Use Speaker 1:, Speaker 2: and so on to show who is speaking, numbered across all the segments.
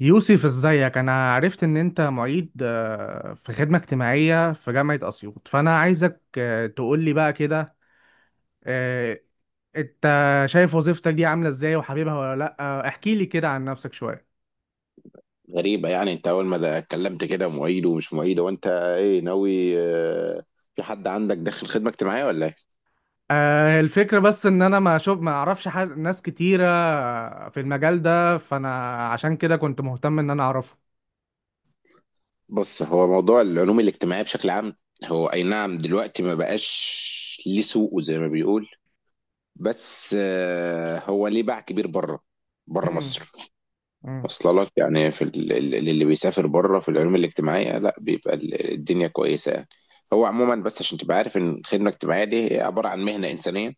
Speaker 1: يوسف ازيك. انا عرفت ان انت معيد في خدمة اجتماعية في جامعة اسيوط، فانا عايزك تقولي بقى كده آه، انت شايف وظيفتك دي عاملة ازاي وحبيبها ولا لا؟ احكي لي كده عن نفسك شوية.
Speaker 2: غريبة يعني انت اول ما ده اتكلمت كده معيد ومش معيد وانت ايه ناوي في حد عندك داخل خدمة اجتماعية ولا ايه؟
Speaker 1: الفكرة بس ان انا ما شوف ما اعرفش ناس كتيرة في المجال ده، فانا عشان كده كنت مهتم ان انا اعرفه.
Speaker 2: بص هو موضوع العلوم الاجتماعية بشكل عام، هو اي نعم دلوقتي ما بقاش ليه سوقه زي ما بيقول، بس هو ليه باع كبير بره، بره
Speaker 1: مم،
Speaker 2: مصر.
Speaker 1: مم،
Speaker 2: واصله لك يعني في اللي بيسافر بره في العلوم الاجتماعية لا بيبقى الدنيا كويسة يعني. هو عموما بس عشان تبقى عارف ان الخدمة الاجتماعية دي هي عبارة عن مهنة إنسانية،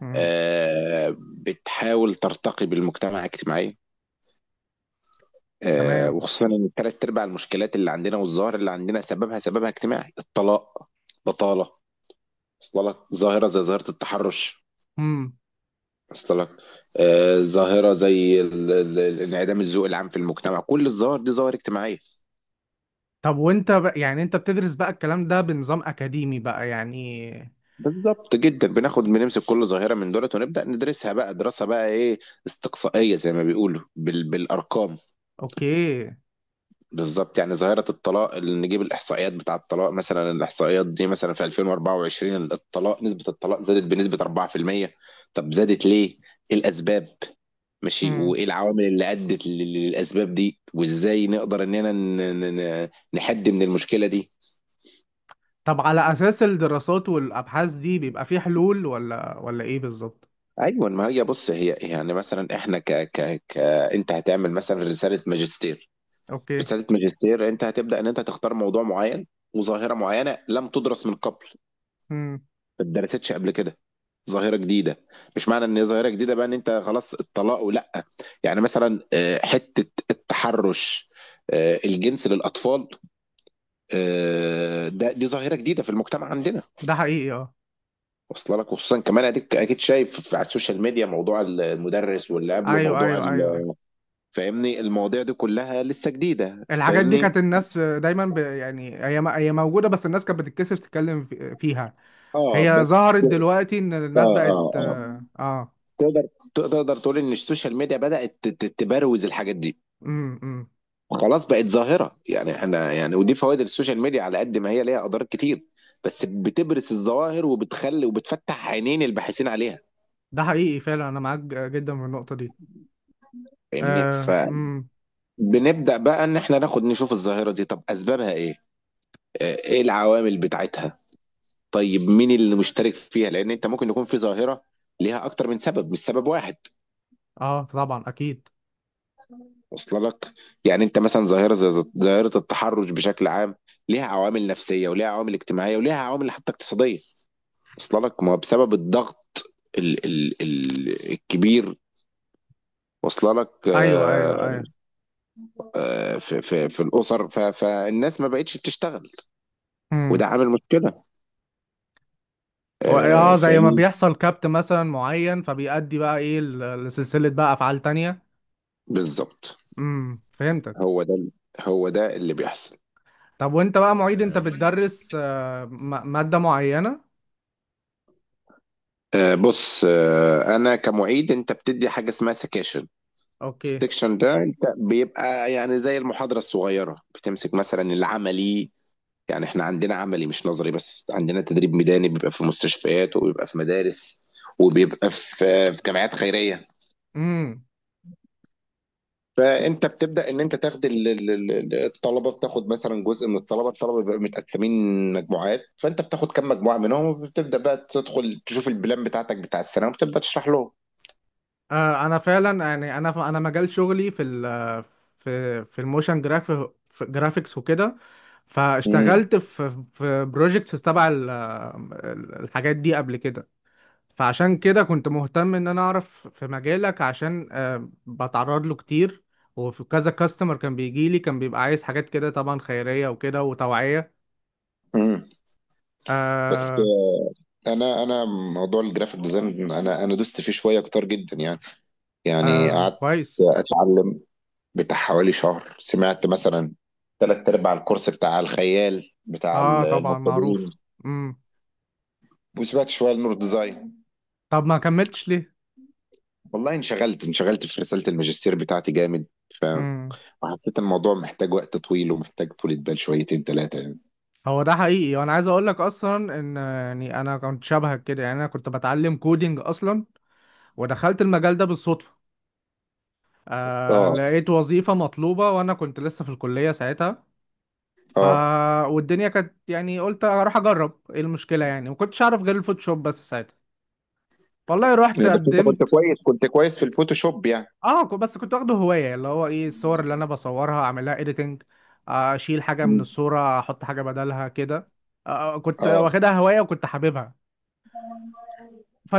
Speaker 1: مم،
Speaker 2: بتحاول ترتقي بالمجتمع الاجتماعي.
Speaker 1: تمام.
Speaker 2: وخصوصا ان ثلاث ارباع المشكلات اللي عندنا والظاهر اللي عندنا سببها اجتماعي: الطلاق، بطاله. وصل لك ظاهره زي ظاهره التحرش.
Speaker 1: مم.
Speaker 2: وصل لك ظاهره زي انعدام الذوق العام في المجتمع. كل الظواهر دي ظواهر اجتماعيه.
Speaker 1: طب وانت بقى، يعني انت بتدرس بقى الكلام ده بنظام اكاديمي بقى يعني؟
Speaker 2: بالظبط جدا، بناخد بنمسك كل ظاهره من دولت ونبدا ندرسها بقى دراسه بقى ايه، استقصائيه زي ما بيقولوا بالارقام.
Speaker 1: اوكي.
Speaker 2: بالظبط، يعني ظاهرة الطلاق اللي نجيب الإحصائيات بتاع الطلاق، مثلا الإحصائيات دي مثلا في 2024 الطلاق نسبة الطلاق زادت بنسبة 4%. طب زادت ليه؟ إيه الأسباب؟ ماشي،
Speaker 1: امم.
Speaker 2: وإيه العوامل اللي أدت للأسباب دي؟ وإزاي نقدر إننا نحد من المشكلة دي؟
Speaker 1: طب على اساس الدراسات والابحاث دي بيبقى في حلول ولا ايه بالظبط؟
Speaker 2: أيوة، ما هي بص هي يعني مثلا إحنا ك ك ك أنت هتعمل مثلا رسالة ماجستير.
Speaker 1: اوكي.
Speaker 2: أنت هتبدأ إن أنت تختار موضوع معين وظاهرة معينة لم تدرس من قبل،
Speaker 1: امم.
Speaker 2: ما اتدرستش قبل كده، ظاهرة جديدة. مش معنى ان هي ظاهرة جديدة بقى ان انت خلاص الطلاق ولا، يعني مثلا حتة التحرش، الجنس للأطفال، ده دي ظاهرة جديدة في المجتمع عندنا.
Speaker 1: ده حقيقي، اه.
Speaker 2: واصله لك خصوصا كمان اديك اكيد شايف على السوشيال ميديا موضوع المدرس، واللي قبله
Speaker 1: ايوه
Speaker 2: موضوع
Speaker 1: ايوه ايوه،
Speaker 2: فاهمني المواضيع دي كلها لسه جديدة،
Speaker 1: الحاجات دي
Speaker 2: فاهمني.
Speaker 1: كانت الناس دايما يعني هي موجوده، بس الناس كانت بتتكسف تتكلم فيها.
Speaker 2: اه
Speaker 1: هي
Speaker 2: بس.
Speaker 1: ظهرت دلوقتي ان
Speaker 2: اه
Speaker 1: الناس بقت
Speaker 2: اه اه
Speaker 1: اه آه.
Speaker 2: تقدر، تقدر تقول ان السوشيال ميديا بدأت تبروز الحاجات دي،
Speaker 1: امم، امم.
Speaker 2: خلاص بقت ظاهرة يعني احنا يعني. ودي فوائد السوشيال ميديا، على قد ما هي ليها اضرار كتير، بس بتبرز الظواهر وبتخلي وبتفتح عينين الباحثين عليها.
Speaker 1: ده حقيقي فعلا، انا معاك جدا في النقطه دي.
Speaker 2: فاهمني،
Speaker 1: اه، امم.
Speaker 2: فبنبدأ بقى ان احنا ناخد نشوف الظاهرة دي، طب اسبابها ايه، اه، ايه العوامل بتاعتها. طيب مين اللي مشترك فيها، لان انت ممكن يكون في ظاهرة ليها اكتر من سبب مش سبب واحد.
Speaker 1: اه طبعا اكيد.
Speaker 2: وصل لك، يعني انت مثلا ظاهرة زي ظاهرة التحرش بشكل عام ليها عوامل نفسية وليها عوامل اجتماعية وليها عوامل حتى اقتصادية. واصله لك ما هو بسبب الضغط ال ال ال الكبير. واصله لك
Speaker 1: ايوه ايوه ايوه،
Speaker 2: في الاسر، فالناس ما بقتش بتشتغل وده عامل مشكله.
Speaker 1: هو اه زي ما
Speaker 2: فاهمني.
Speaker 1: بيحصل كابت مثلا معين، فبيأدي بقى ايه لسلسلة بقى افعال تانية.
Speaker 2: بالظبط،
Speaker 1: امم، فهمتك.
Speaker 2: هو ده، هو ده اللي بيحصل.
Speaker 1: طب وانت بقى معيد، انت
Speaker 2: آه،
Speaker 1: بتدرس مادة معينة؟
Speaker 2: بص، انا كمعيد انت بتدي حاجه اسمها سكاشن.
Speaker 1: اوكي.
Speaker 2: السكشن ده انت بيبقى يعني زي المحاضره الصغيره، بتمسك مثلا العملي. يعني احنا عندنا عملي مش نظري، بس عندنا تدريب ميداني بيبقى في مستشفيات وبيبقى في مدارس وبيبقى في في جمعيات خيرية.
Speaker 1: امم.
Speaker 2: فانت بتبدأ ان انت تاخد الطلبة، بتاخد مثلا جزء من الطلبة. الطلبة بيبقى متقسمين مجموعات، فانت بتاخد كم مجموعة منهم وبتبدأ بقى تدخل تشوف البلان بتاعتك بتاع السنة وبتبدأ تشرح لهم.
Speaker 1: آه انا فعلا، يعني انا انا مجال شغلي في ال في في الموشن جراف، في جرافيكس وكده،
Speaker 2: امم،
Speaker 1: فاشتغلت في بروجيكتس تبع الحاجات دي قبل كده. فعشان كده كنت مهتم ان انا اعرف في مجالك، عشان بتعرض له كتير وفي كذا كاستمر كان بيجي لي، كان بيبقى عايز حاجات كده طبعا خيرية وكده وتوعية.
Speaker 2: امم. بس
Speaker 1: آه.
Speaker 2: انا موضوع الجرافيك ديزاين انا دوست فيه شوية كتير جدا يعني، يعني
Speaker 1: آه
Speaker 2: قعدت
Speaker 1: كويس.
Speaker 2: اتعلم بتاع حوالي شهر، سمعت مثلا تلات ارباع الكورس بتاع الخيال بتاع
Speaker 1: اه طبعا
Speaker 2: المبتدئين،
Speaker 1: معروف. امم.
Speaker 2: وسمعت شويه لنور ديزاين.
Speaker 1: طب ما كملتش ليه؟
Speaker 2: والله انشغلت في رساله الماجستير بتاعتي جامد،
Speaker 1: امم.
Speaker 2: وحسيت الموضوع محتاج وقت طويل ومحتاج طولة بال شويتين ثلاثه يعني.
Speaker 1: هو ده حقيقي، وانا عايز اقول لك اصلا ان يعني انا كنت شبهك كده، يعني انا كنت بتعلم كودينج اصلا ودخلت المجال ده بالصدفة. آه،
Speaker 2: اه
Speaker 1: لقيت وظيفة مطلوبة وانا كنت لسه في الكلية ساعتها. ف
Speaker 2: اه،
Speaker 1: والدنيا كانت يعني، قلت اروح اجرب ايه المشكله؟ يعني ما كنتش اعرف غير الفوتوشوب بس ساعتها. والله رحت
Speaker 2: يعني بس انت كنت
Speaker 1: قدمت.
Speaker 2: كويس، كنت كويس في الفوتوشوب يعني.
Speaker 1: اه، بس كنت واخده هوايه، اللي هو ايه، الصور اللي انا بصورها اعملها اديتنج، اشيل حاجه من
Speaker 2: مم.
Speaker 1: الصوره احط حاجه بدلها كده. آه كنت
Speaker 2: اه،
Speaker 1: واخدها هوايه وكنت حاببها.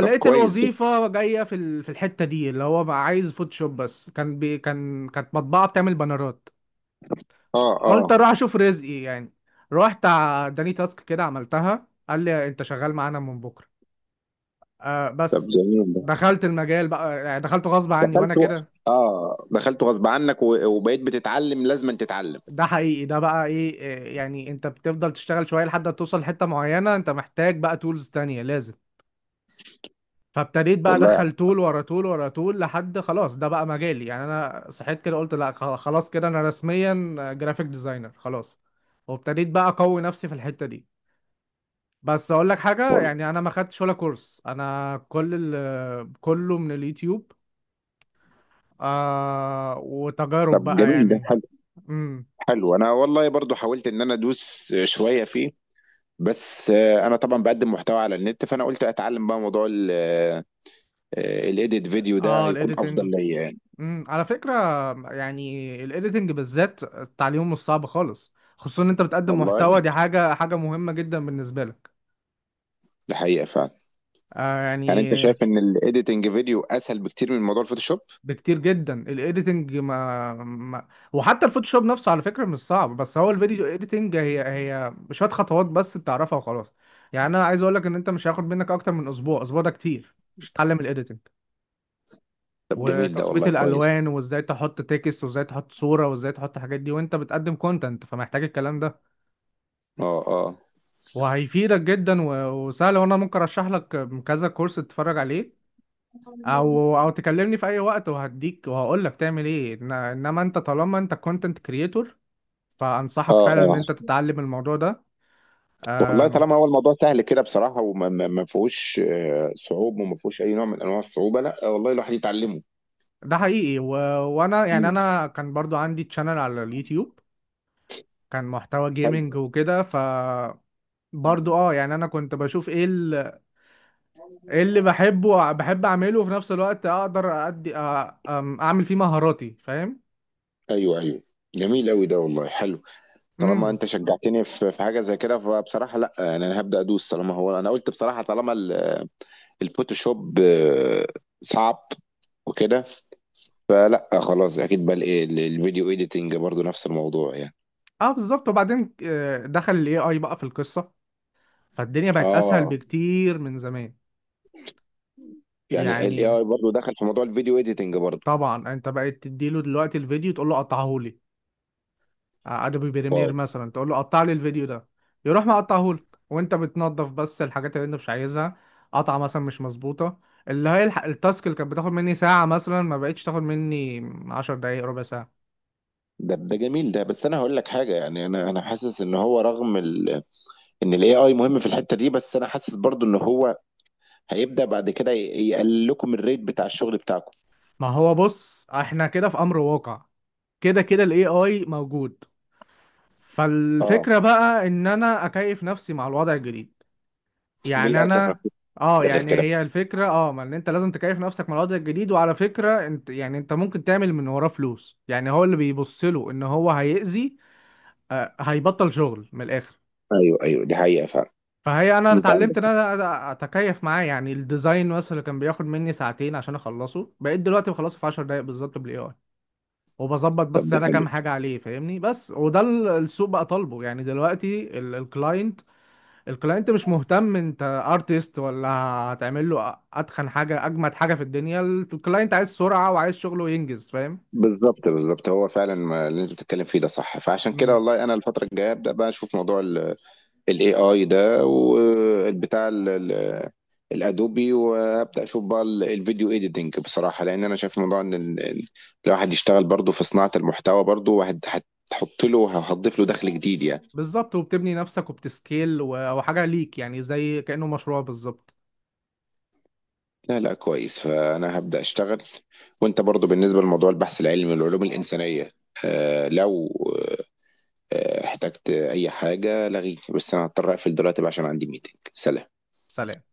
Speaker 2: طب كويس ده،
Speaker 1: الوظيفه جايه في في الحته دي، اللي هو بقى عايز فوتوشوب بس، كان بي كان كانت مطبعه بتعمل بانرات.
Speaker 2: اه
Speaker 1: قلت
Speaker 2: اه،
Speaker 1: اروح اشوف رزقي يعني. رحت اداني تاسك كده، عملتها، قال لي انت شغال معانا من بكره. آه
Speaker 2: طب
Speaker 1: بس،
Speaker 2: جميل ده.
Speaker 1: دخلت المجال بقى يعني، دخلته غصب عني وانا
Speaker 2: دخلت و...
Speaker 1: كده.
Speaker 2: اه دخلت غصب عنك، وبقيت بتتعلم، لازم تتعلم.
Speaker 1: ده حقيقي، ده بقى ايه يعني انت بتفضل تشتغل شويه لحد ما توصل لحته معينه انت محتاج بقى تولز تانية لازم. فابتديت بقى
Speaker 2: والله.
Speaker 1: ادخل تول ورا تول ورا تول، لحد خلاص ده بقى مجالي يعني، انا صحيت كده قلت لا خلاص كده انا رسميا جرافيك ديزاينر خلاص. وابتديت بقى اقوي نفسي في الحته دي. بس اقول لك حاجه،
Speaker 2: والله،
Speaker 1: يعني انا ما خدتش ولا كورس، انا كله من اليوتيوب. آه
Speaker 2: طب
Speaker 1: وتجارب بقى
Speaker 2: جميل ده،
Speaker 1: يعني. امم.
Speaker 2: حلو. انا والله برضو حاولت ان انا ادوس شويه فيه، بس انا طبعا بقدم محتوى على النت، فانا قلت اتعلم بقى موضوع الايديت فيديو ده
Speaker 1: اه
Speaker 2: هيكون
Speaker 1: الايديتنج.
Speaker 2: افضل ليا يعني.
Speaker 1: امم. على فكره يعني الايديتنج بالذات التعليم مش صعب خالص، خصوصا ان انت بتقدم
Speaker 2: والله
Speaker 1: محتوى، دي حاجه مهمه جدا بالنسبه لك.
Speaker 2: ده حقيقه فعلا.
Speaker 1: آه
Speaker 2: يعني
Speaker 1: يعني،
Speaker 2: انت شايف ان الايديتنج فيديو اسهل بكتير من موضوع الفوتوشوب؟
Speaker 1: بكتير جدا الايديتنج ما, ما وحتى الفوتوشوب نفسه على فكره مش صعب، بس هو الفيديو ايديتنج هي شويه خطوات بس بتعرفها وخلاص. يعني انا عايز اقول لك ان انت مش هياخد منك اكتر من اسبوع، اسبوع ده كتير مش تتعلم الايديتنج
Speaker 2: طب جميل ده
Speaker 1: وتظبيط
Speaker 2: والله، كويس.
Speaker 1: الالوان وازاي تحط تكست وازاي تحط صوره وازاي تحط الحاجات دي، وانت بتقدم كونتنت فمحتاج الكلام ده.
Speaker 2: اه اه
Speaker 1: وهيفيدك جدا وسهل، وانا ممكن ارشح لك كذا كورس تتفرج عليه، او تكلمني في اي وقت وهديك وهقول لك تعمل ايه. انما انت طالما انت كونتنت كريتور، فانصحك
Speaker 2: اه
Speaker 1: فعلا ان
Speaker 2: اه،
Speaker 1: انت تتعلم الموضوع ده.
Speaker 2: والله
Speaker 1: أم،
Speaker 2: طالما هو الموضوع سهل كده بصراحه وما ما ما فيهوش صعوبه وما فيهوش اي نوع من انواع الصعوبه، لا والله الواحد يتعلمه.
Speaker 1: ده حقيقي وانا يعني،
Speaker 2: امم،
Speaker 1: انا كان برضو عندي تشانل على اليوتيوب، كان محتوى جيمنج وكده.
Speaker 2: حلو.
Speaker 1: برضو اه، يعني انا كنت بشوف ايه، ايه اللي بحبه بحب اعمله، وفي نفس الوقت اقدر ادي اعمل فيه مهاراتي، فاهم؟
Speaker 2: ايوه ايوه، جميل قوي ده والله، حلو. طالما
Speaker 1: امم.
Speaker 2: انت شجعتني في في حاجه زي كده، فبصراحه لا، يعني انا هبدا ادوس. طالما هو انا قلت بصراحه طالما الفوتوشوب صعب وكده، فلا خلاص اكيد بقى الايه الفيديو ايديتنج برضو نفس الموضوع يعني.
Speaker 1: اه بالظبط، وبعدين دخل الاي اي بقى في القصه، فالدنيا بقت اسهل
Speaker 2: اه،
Speaker 1: بكتير من زمان.
Speaker 2: يعني الاي
Speaker 1: يعني
Speaker 2: اي برضو دخل في موضوع الفيديو ايديتنج برضو.
Speaker 1: طبعا انت بقيت تديله دلوقتي الفيديو تقول له قطعه لي، ادوبي بريمير
Speaker 2: واو،
Speaker 1: مثلا تقول له قطع لي الفيديو ده، يروح مقطعه لك وانت بتنظف بس الحاجات اللي انت مش عايزها، قطعه مثلا مش مظبوطه. اللي هي التاسك اللي كانت بتاخد مني ساعه مثلا، ما بقتش تاخد مني 10 دقايق، ربع ساعه.
Speaker 2: ده جميل ده، بس انا هقول لك حاجه: يعني انا انا حاسس ان هو رغم ال... ان الاي اي مهم في الحته دي، بس انا حاسس برضو ان هو هيبدا بعد كده يقلل لكم الريت بتاع الشغل بتاعكم.
Speaker 1: ما هو بص، احنا كده في امر واقع، كده كده الاي اي موجود.
Speaker 2: اه،
Speaker 1: فالفكره بقى ان انا اكيف نفسي مع الوضع الجديد. يعني
Speaker 2: للاسف ما
Speaker 1: انا،
Speaker 2: فيش
Speaker 1: اه
Speaker 2: غير
Speaker 1: يعني
Speaker 2: كده.
Speaker 1: هي الفكره اه ما، ان انت لازم تكيف نفسك مع الوضع الجديد، وعلى فكره انت يعني انت ممكن تعمل من وراه فلوس. يعني هو اللي بيبص له ان هو هيأذي، آه هيبطل شغل من الاخر.
Speaker 2: ايوه ايوه، دي حقيقه فعلا.
Speaker 1: فهي انا
Speaker 2: انت عندك
Speaker 1: اتعلمت ان
Speaker 2: حق.
Speaker 1: انا اتكيف معاه. يعني الديزاين مثلا اللي كان بياخد مني ساعتين عشان اخلصه، بقيت دلوقتي بخلصه في 10 دقايق بالظبط بالاي اي. وبظبط
Speaker 2: طب
Speaker 1: بس
Speaker 2: ده
Speaker 1: انا
Speaker 2: حلو.
Speaker 1: كام حاجه عليه، فاهمني؟ بس وده السوق بقى طالبه يعني. دلوقتي الكلاينت، الكلاينت مش مهتم انت ارتست ولا هتعمل له اتخن حاجه اجمد حاجه في الدنيا، الكلاينت عايز سرعه وعايز شغله ينجز، فاهم؟
Speaker 2: بالظبط بالظبط، هو فعلا اللي انت بتتكلم فيه ده صح، فعشان كده
Speaker 1: امم.
Speaker 2: والله انا الفتره الجايه ابدا بقى اشوف موضوع الاي اي ده والبتاع الادوبي، وابدا اشوف بقى الفيديو ايديتنج بصراحه، لان انا شايف موضوع ان الواحد يشتغل برضه في صناعه المحتوى برضه، واحد هتحط له، هتضيف له دخل جديد يعني.
Speaker 1: بالظبط، وبتبني نفسك وبتسكيل وحاجه ليك يعني زي كانه مشروع بالظبط.
Speaker 2: لا لا، كويس، فأنا هبدأ أشتغل. وأنت برضو بالنسبة لموضوع البحث العلمي والعلوم الإنسانية، آه لو آه احتجت أي حاجة لغيني، بس أنا هضطر أقفل دلوقتي بقى عشان عندي ميتنج. سلام.
Speaker 1: سلام.